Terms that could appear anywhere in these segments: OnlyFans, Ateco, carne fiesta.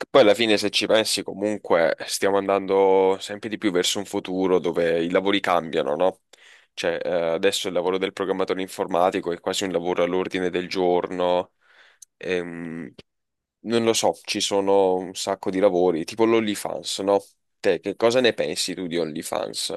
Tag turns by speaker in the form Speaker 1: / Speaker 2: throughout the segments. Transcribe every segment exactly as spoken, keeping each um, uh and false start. Speaker 1: Che poi alla fine, se ci pensi, comunque stiamo andando sempre di più verso un futuro dove i lavori cambiano, no? Cioè, eh, adesso il lavoro del programmatore informatico è quasi un lavoro all'ordine del giorno. ehm, Non lo so, ci sono un sacco di lavori, tipo l'OnlyFans, no? Te, che cosa ne pensi tu di OnlyFans?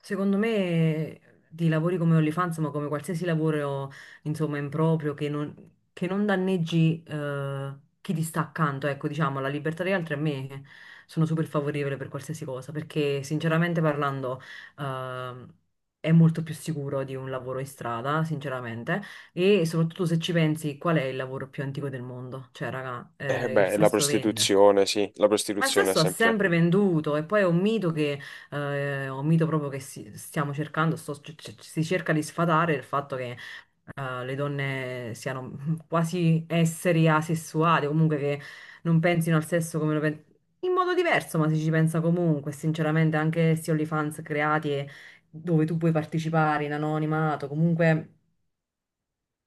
Speaker 2: Secondo me di lavori come OnlyFans, ma come qualsiasi lavoro, insomma, improprio, che non, che non danneggi eh, chi ti sta accanto, ecco, diciamo, la libertà degli altri. A me sono super favorevole per qualsiasi cosa, perché sinceramente parlando ehm, è molto più sicuro di un lavoro in strada, sinceramente. E soprattutto, se ci pensi, qual è il lavoro più antico del mondo? Cioè, raga,
Speaker 1: Eh
Speaker 2: eh, il
Speaker 1: beh, la
Speaker 2: sesso vende.
Speaker 1: prostituzione, sì, la
Speaker 2: Ma il
Speaker 1: prostituzione è
Speaker 2: sesso ha
Speaker 1: sempre...
Speaker 2: sempre venduto. E poi è un mito che, eh, è un mito proprio che si- stiamo cercando, sto- c- c- si cerca di sfatare il fatto che eh, le donne siano quasi esseri asessuali, o comunque che non pensino al sesso, come lo pensano, in modo diverso, ma si ci pensa comunque. Sinceramente anche questi OnlyFans creati e dove tu puoi partecipare in anonimato, comunque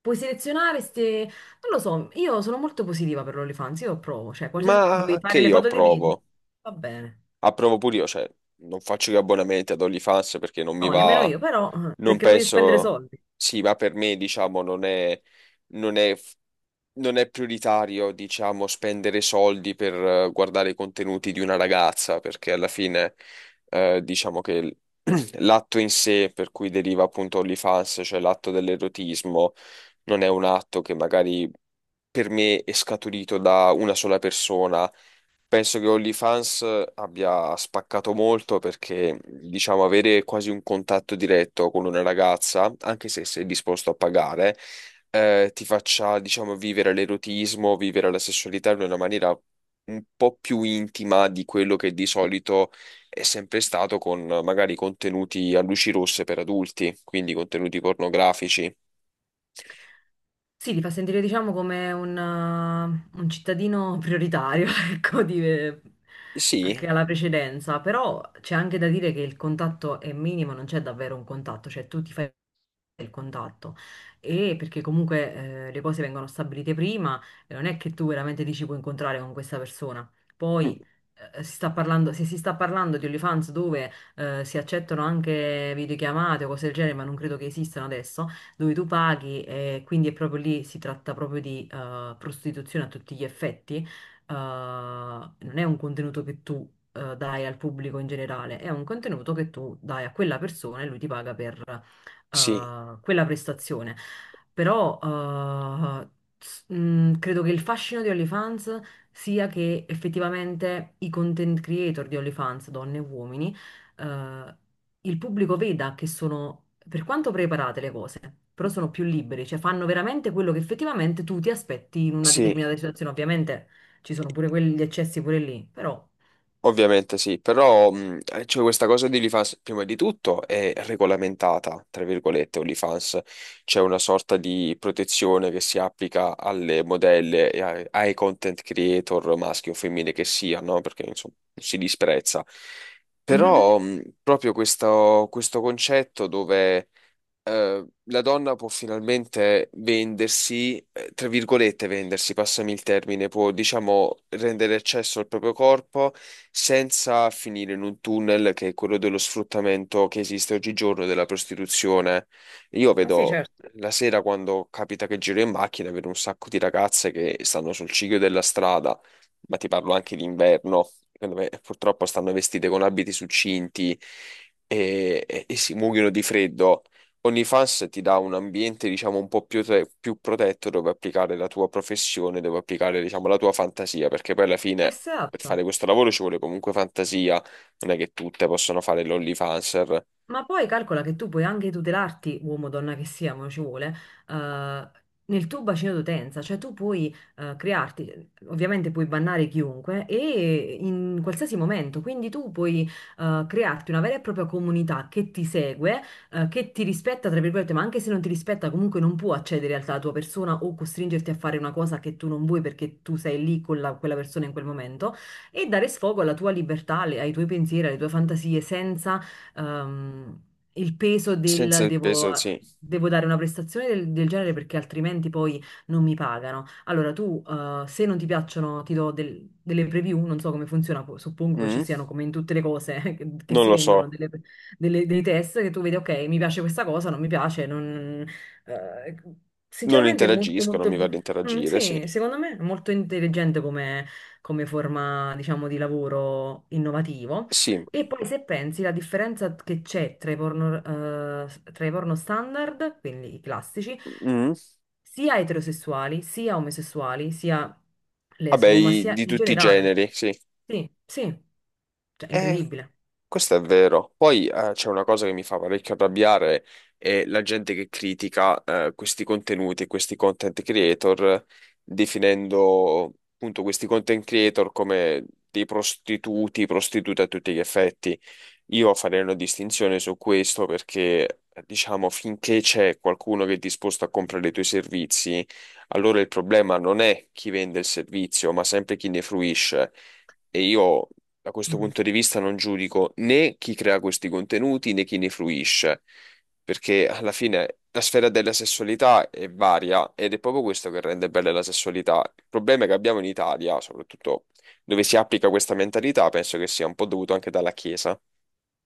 Speaker 2: puoi selezionare queste, non lo so, io sono molto positiva per l'OnlyFans. Io provo, cioè qualsiasi,
Speaker 1: Ma
Speaker 2: vuoi
Speaker 1: anche
Speaker 2: fare le
Speaker 1: io
Speaker 2: foto dei piedi?
Speaker 1: approvo.
Speaker 2: Va bene.
Speaker 1: Approvo pure io, cioè, non faccio gli abbonamenti ad OnlyFans perché non mi
Speaker 2: No, nemmeno
Speaker 1: va...
Speaker 2: io, però, eh,
Speaker 1: Non
Speaker 2: perché non voglio spendere
Speaker 1: penso,
Speaker 2: soldi.
Speaker 1: sì, ma per me, diciamo, non è, non è, non è prioritario, diciamo, spendere soldi per eh, guardare i contenuti di una ragazza, perché alla fine, eh, diciamo che il- l'atto in sé, per cui deriva appunto OnlyFans, cioè l'atto dell'erotismo, non è un atto che magari per me è scaturito da una sola persona. Penso che OnlyFans abbia spaccato molto perché, diciamo, avere quasi un contatto diretto con una ragazza, anche se sei disposto a pagare, eh, ti faccia, diciamo, vivere l'erotismo, vivere la sessualità in una maniera un po' più intima di quello che di solito è sempre stato con eh, magari contenuti a luci rosse per adulti, quindi contenuti pornografici.
Speaker 2: Sì, ti fa sentire, diciamo, come un, eh, un cittadino prioritario, ecco, di- eh,
Speaker 1: Sì,
Speaker 2: che ha la precedenza. Però c'è anche da dire che il contatto è minimo, non c'è davvero un contatto, cioè tu ti fai il contatto, e perché comunque eh, le cose vengono stabilite prima e non è che tu veramente dici puoi incontrare con questa persona.
Speaker 1: mm,
Speaker 2: Poi eh, si sta parlando, se si sta parlando di OnlyFans dove eh, si accettano anche videochiamate o cose del genere, ma non credo che esistano adesso dove tu paghi, e quindi è proprio lì, si tratta proprio di eh, prostituzione a tutti gli effetti. Eh, non è un contenuto che tu eh, dai al pubblico in generale, è un contenuto che tu dai a quella persona e lui ti paga per
Speaker 1: sì,
Speaker 2: eh, quella prestazione. Però eh, s- mh, credo che il fascino di OnlyFans sia che effettivamente i content creator di OnlyFans, donne e uomini, eh, il pubblico veda che sono, per quanto preparate le cose, però sono più liberi, cioè fanno veramente quello che effettivamente tu ti aspetti in una
Speaker 1: sì.
Speaker 2: determinata situazione. Ovviamente ci sono pure quelli, gli eccessi pure lì, però.
Speaker 1: Ovviamente sì, però mh, eh, c'è questa cosa di OnlyFans, prima di tutto è regolamentata, tra virgolette, OnlyFans, c'è una sorta di protezione che si applica alle modelle e ai, ai content creator maschi o femmine che siano, perché insomma si disprezza.
Speaker 2: Mhm.
Speaker 1: Però mh, proprio questo, questo concetto dove eh, la donna può finalmente vendersi, eh, tra virgolette vendersi, passami il termine, può diciamo rendere accesso al proprio corpo senza finire in un tunnel che è quello dello sfruttamento che esiste oggigiorno della prostituzione. Io
Speaker 2: Ma sì,
Speaker 1: vedo
Speaker 2: certo.
Speaker 1: la sera quando capita che giro in macchina, vedo un sacco di ragazze che stanno sul ciglio della strada, ma ti parlo anche d'inverno, dove purtroppo stanno vestite con abiti succinti e, e e si muoiono di freddo. OnlyFans ti dà un ambiente, diciamo, un po' più, te- più protetto dove applicare la tua professione, dove applicare, diciamo, la tua fantasia, perché poi alla fine per
Speaker 2: Esatto.
Speaker 1: fare questo lavoro ci vuole comunque fantasia, non è che tutte possono fare l'OnlyFanser.
Speaker 2: Ma poi calcola che tu puoi anche tutelarti, uomo o donna che sia, ma ci vuole, eh, nel tuo bacino d'utenza, cioè tu puoi eh, crearti, ovviamente puoi bannare chiunque e in qualsiasi momento, quindi tu puoi eh, crearti una vera e propria comunità che ti segue, eh, che ti rispetta, tra virgolette. Ma anche se non ti rispetta comunque non può accedere alla tua persona o costringerti a fare una cosa che tu non vuoi, perché tu sei lì con la- quella persona in quel momento, e dare sfogo alla tua libertà, alle- ai tuoi pensieri, alle tue fantasie, senza ehm, il peso
Speaker 1: Senza
Speaker 2: del
Speaker 1: il
Speaker 2: devo,
Speaker 1: peso, sì.
Speaker 2: devo dare una prestazione del, del genere, perché altrimenti poi non mi pagano. Allora tu, eh, se non ti piacciono, ti do del- delle preview, non so come funziona, po- suppongo che ci
Speaker 1: Mm?
Speaker 2: siano come in tutte le cose che, che
Speaker 1: Non
Speaker 2: si
Speaker 1: lo
Speaker 2: vendono,
Speaker 1: so.
Speaker 2: delle- delle- dei test che tu vedi: ok, mi piace questa cosa, non mi piace, non. eh,
Speaker 1: Non
Speaker 2: Sinceramente è molto,
Speaker 1: interagisco, non
Speaker 2: molto.
Speaker 1: mi va di
Speaker 2: Mm,
Speaker 1: interagire, sì.
Speaker 2: sì, secondo me è molto intelligente come come forma, diciamo, di lavoro innovativo.
Speaker 1: Sì.
Speaker 2: E poi se pensi la differenza che c'è tra i porno, eh, tra i porno standard, quindi i classici,
Speaker 1: Mm?
Speaker 2: sia eterosessuali, sia omosessuali, sia
Speaker 1: Vabbè,
Speaker 2: lesbo, ma
Speaker 1: i-
Speaker 2: sia
Speaker 1: di
Speaker 2: in
Speaker 1: tutti i
Speaker 2: generale.
Speaker 1: generi, sì.
Speaker 2: Sì, sì, cioè è
Speaker 1: Eh,
Speaker 2: incredibile.
Speaker 1: questo è vero. Poi eh, c'è una cosa che mi fa parecchio arrabbiare, è la gente che critica eh, questi contenuti, questi content creator, definendo appunto questi content creator come dei prostituti, prostitute a tutti gli effetti. Io farei una distinzione su questo perché, diciamo, finché c'è qualcuno che è disposto a comprare i tuoi servizi, allora il problema non è chi vende il servizio, ma sempre chi ne fruisce. E io da questo
Speaker 2: Mm.
Speaker 1: punto di vista non giudico né chi crea questi contenuti né chi ne fruisce, perché alla fine la sfera della sessualità è varia ed è proprio questo che rende bella la sessualità. Il problema che abbiamo in Italia, soprattutto dove si applica questa mentalità, penso che sia un po' dovuto anche dalla Chiesa.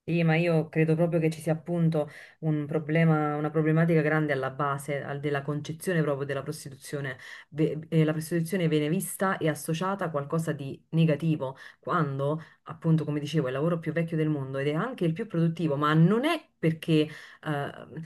Speaker 2: Sì, ma io credo proprio che ci sia appunto un problema, una problematica grande alla base, al- della concezione proprio della prostituzione. Ve- eh, la prostituzione viene vista e associata a qualcosa di negativo, quando appunto, come dicevo, è il lavoro più vecchio del mondo ed è anche il più produttivo, ma non è perché. Ehm,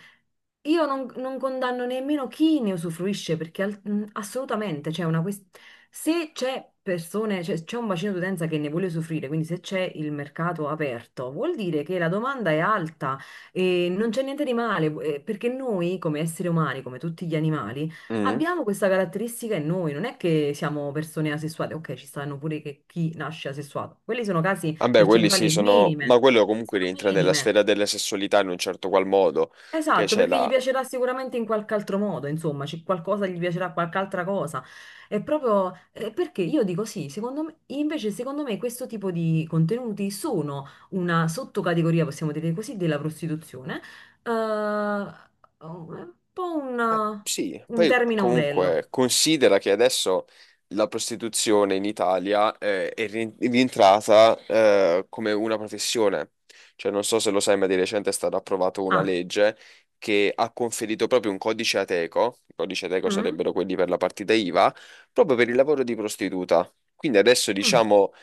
Speaker 2: io non, non condanno nemmeno chi ne usufruisce, perché al- mh, assolutamente c'è una questione. Se c'è persone, cioè, c'è un bacino d'utenza che ne vuole usufruire, quindi se c'è il mercato aperto, vuol dire che la domanda è alta e non c'è niente di male, eh, perché noi come esseri umani, come tutti gli animali,
Speaker 1: Mm.
Speaker 2: abbiamo questa caratteristica in noi. Non è che siamo persone asessuate, ok, ci stanno pure che chi nasce asessuato, quelli sono casi
Speaker 1: Vabbè, quelli sì
Speaker 2: percentuali
Speaker 1: sono, ma
Speaker 2: minime,
Speaker 1: quello comunque
Speaker 2: sono
Speaker 1: rientra nella
Speaker 2: minime.
Speaker 1: sfera della sessualità in un certo qual modo, che
Speaker 2: Esatto,
Speaker 1: c'è
Speaker 2: perché
Speaker 1: la.
Speaker 2: gli piacerà sicuramente in qualche altro modo, insomma, c'è qualcosa, gli piacerà qualche altra cosa. È proprio eh, perché io dico sì, secondo me, invece secondo me questo tipo di contenuti sono una sottocategoria, possiamo dire così, della prostituzione, eh, un po'
Speaker 1: Eh,
Speaker 2: un,
Speaker 1: Sì,
Speaker 2: un
Speaker 1: poi
Speaker 2: termine ombrello.
Speaker 1: comunque considera che adesso la prostituzione in Italia eh, è ri- rientrata eh, come una professione. Cioè, non so se lo sai, ma di recente è stata approvata una
Speaker 2: Ah,
Speaker 1: legge che ha conferito proprio un codice Ateco, i codici Ateco
Speaker 2: mm,
Speaker 1: sarebbero quelli per la partita I V A, proprio per il lavoro di prostituta. Quindi adesso
Speaker 2: mm,
Speaker 1: diciamo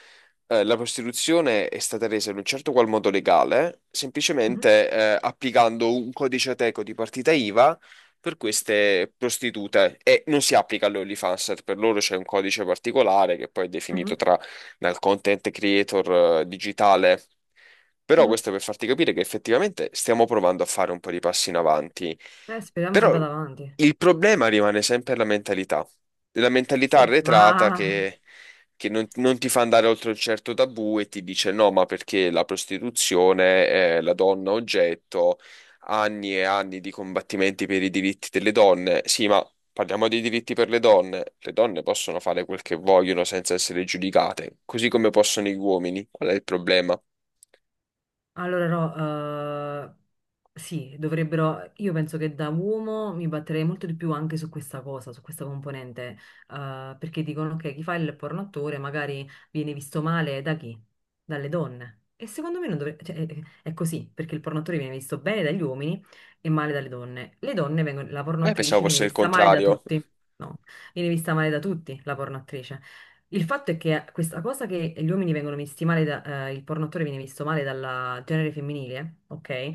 Speaker 1: eh, la prostituzione è stata resa in un certo qual modo legale,
Speaker 2: mhm,
Speaker 1: semplicemente eh, applicando un codice Ateco di partita I V A per queste prostitute e non si applica all'OnlyFans, per loro c'è un codice particolare che poi è
Speaker 2: mhm,
Speaker 1: definito tra, dal content creator eh, digitale. Però
Speaker 2: mhm.
Speaker 1: questo per farti capire che effettivamente stiamo provando a fare un po' di passi in avanti.
Speaker 2: Eh, speriamo che
Speaker 1: Però
Speaker 2: vada avanti.
Speaker 1: il problema rimane sempre la mentalità, la mentalità
Speaker 2: Sì,
Speaker 1: arretrata
Speaker 2: ma.
Speaker 1: che, che non, non ti fa andare oltre un certo tabù e ti dice no, ma perché la prostituzione è la donna oggetto, anni e anni di combattimenti per i diritti delle donne. Sì, ma parliamo dei diritti per le donne. Le donne possono fare quel che vogliono senza essere giudicate, così come possono gli uomini. Qual è il problema?
Speaker 2: Allora no, eh, sì, dovrebbero, io penso che da uomo mi batterei molto di più anche su questa cosa, su questa componente, eh, perché dicono che chi fa il pornoattore magari viene visto male da chi? Dalle donne. E secondo me non dovrebbe, cioè, è, è così, perché il pornoattore viene visto bene dagli uomini e male dalle donne. Le donne vengono, la
Speaker 1: Eh, pensavo
Speaker 2: pornoattrice viene
Speaker 1: fosse il
Speaker 2: vista male da
Speaker 1: contrario.
Speaker 2: tutti, no, viene vista male da tutti la pornoattrice. Il fatto è che questa cosa che gli uomini vengono visti male, da- eh, il porno attore viene visto male dal genere femminile, ok?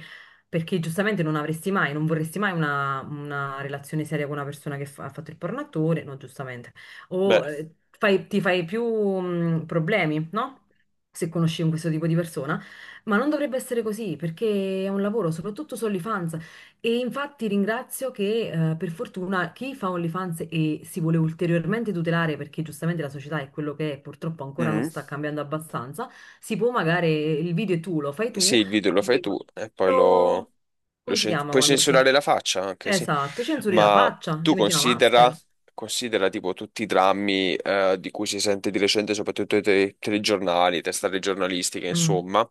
Speaker 2: Perché giustamente non avresti mai, non vorresti mai una, una relazione seria con una persona che fa- ha fatto il porno attore, no, giustamente.
Speaker 1: Beh.
Speaker 2: O eh, fai- ti fai più mh, problemi, no? Se conosci un questo tipo di persona, ma non dovrebbe essere così perché è un lavoro, soprattutto su OnlyFans. E infatti ringrazio che eh, per fortuna chi fa OnlyFans e si vuole ulteriormente tutelare, perché giustamente la società è quello che è, purtroppo ancora non sta
Speaker 1: Mm.
Speaker 2: cambiando abbastanza, si può magari, il video è tu, lo fai
Speaker 1: Sì,
Speaker 2: tu,
Speaker 1: il video lo fai
Speaker 2: anche
Speaker 1: tu e poi
Speaker 2: lo.
Speaker 1: lo, lo
Speaker 2: Come si
Speaker 1: cen-
Speaker 2: chiama
Speaker 1: puoi
Speaker 2: quando si.
Speaker 1: censurare la faccia anche, sì.
Speaker 2: Esatto, censuri la
Speaker 1: Ma
Speaker 2: faccia,
Speaker 1: tu
Speaker 2: ti metti una
Speaker 1: considera,
Speaker 2: maschera.
Speaker 1: considera tipo tutti i drammi eh, di cui si sente di recente, soprattutto i te- telegiornali, testate giornalistiche,
Speaker 2: Mm.
Speaker 1: insomma,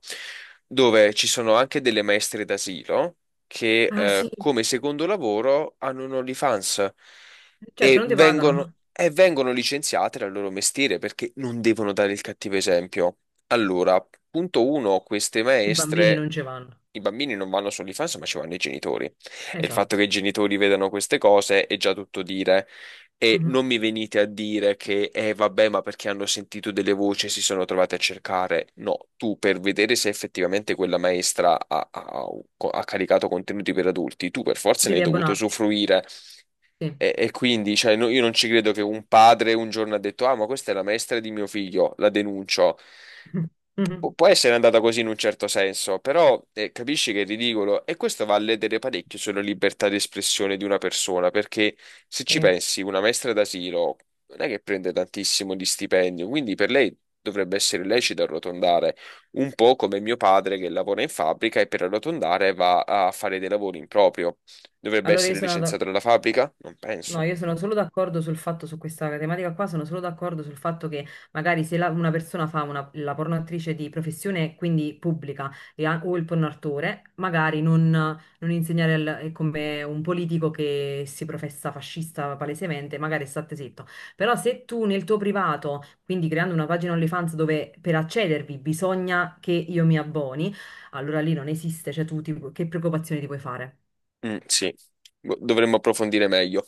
Speaker 1: dove ci sono anche delle maestre d'asilo che
Speaker 2: Ah sì,
Speaker 1: eh, come secondo lavoro hanno un OnlyFans
Speaker 2: certo
Speaker 1: e
Speaker 2: non ti pagano,
Speaker 1: vengono,
Speaker 2: ma
Speaker 1: e vengono licenziate dal loro mestiere perché non devono dare il cattivo esempio. Allora, punto uno, queste
Speaker 2: i bambini
Speaker 1: maestre,
Speaker 2: non ci vanno.
Speaker 1: i bambini non vanno sull'infanzia, ma ci vanno i genitori. E il fatto che
Speaker 2: Esatto.
Speaker 1: i genitori vedano queste cose è già tutto dire. E
Speaker 2: Mhm.
Speaker 1: non mi venite a dire che, eh, vabbè, ma perché hanno sentito delle voci e si sono trovate a cercare. No, tu per vedere se effettivamente quella maestra ha, ha- ha caricato contenuti per adulti, tu per forza ne hai
Speaker 2: Devi
Speaker 1: dovuto
Speaker 2: abbonarti,
Speaker 1: usufruire.
Speaker 2: sì.
Speaker 1: E, e quindi, cioè, no- io non ci credo che un padre un giorno ha detto, ah, ma questa è la maestra di mio figlio, la denuncio.
Speaker 2: Mhm.
Speaker 1: Pu- Può essere andata così in un certo senso, però eh, capisci che è ridicolo e questo va a ledere parecchio sulla libertà di espressione di una persona, perché se ci
Speaker 2: Sì.
Speaker 1: pensi, una maestra d'asilo non è che prende tantissimo di stipendio, quindi per lei dovrebbe essere lecito arrotondare, un po' come mio padre che lavora in fabbrica e per arrotondare va a fare dei lavori in proprio. Dovrebbe
Speaker 2: Allora io
Speaker 1: essere
Speaker 2: sono...
Speaker 1: licenziato dalla fabbrica? Non
Speaker 2: No,
Speaker 1: penso.
Speaker 2: io sono solo d'accordo sul fatto, su questa tematica qua, sono solo d'accordo sul fatto che magari se la- una persona fa una, la pornoattrice di professione, quindi pubblica, e ha- o il pornoautore, magari non, non, insegnare, al- è come un politico che si professa fascista palesemente, magari state zitto. Però se tu nel tuo privato, quindi creando una pagina OnlyFans dove per accedervi bisogna che io mi abboni, allora lì non esiste, cioè tu ti- che preoccupazioni ti puoi fare?
Speaker 1: Mm, sì, Bo- dovremmo approfondire meglio.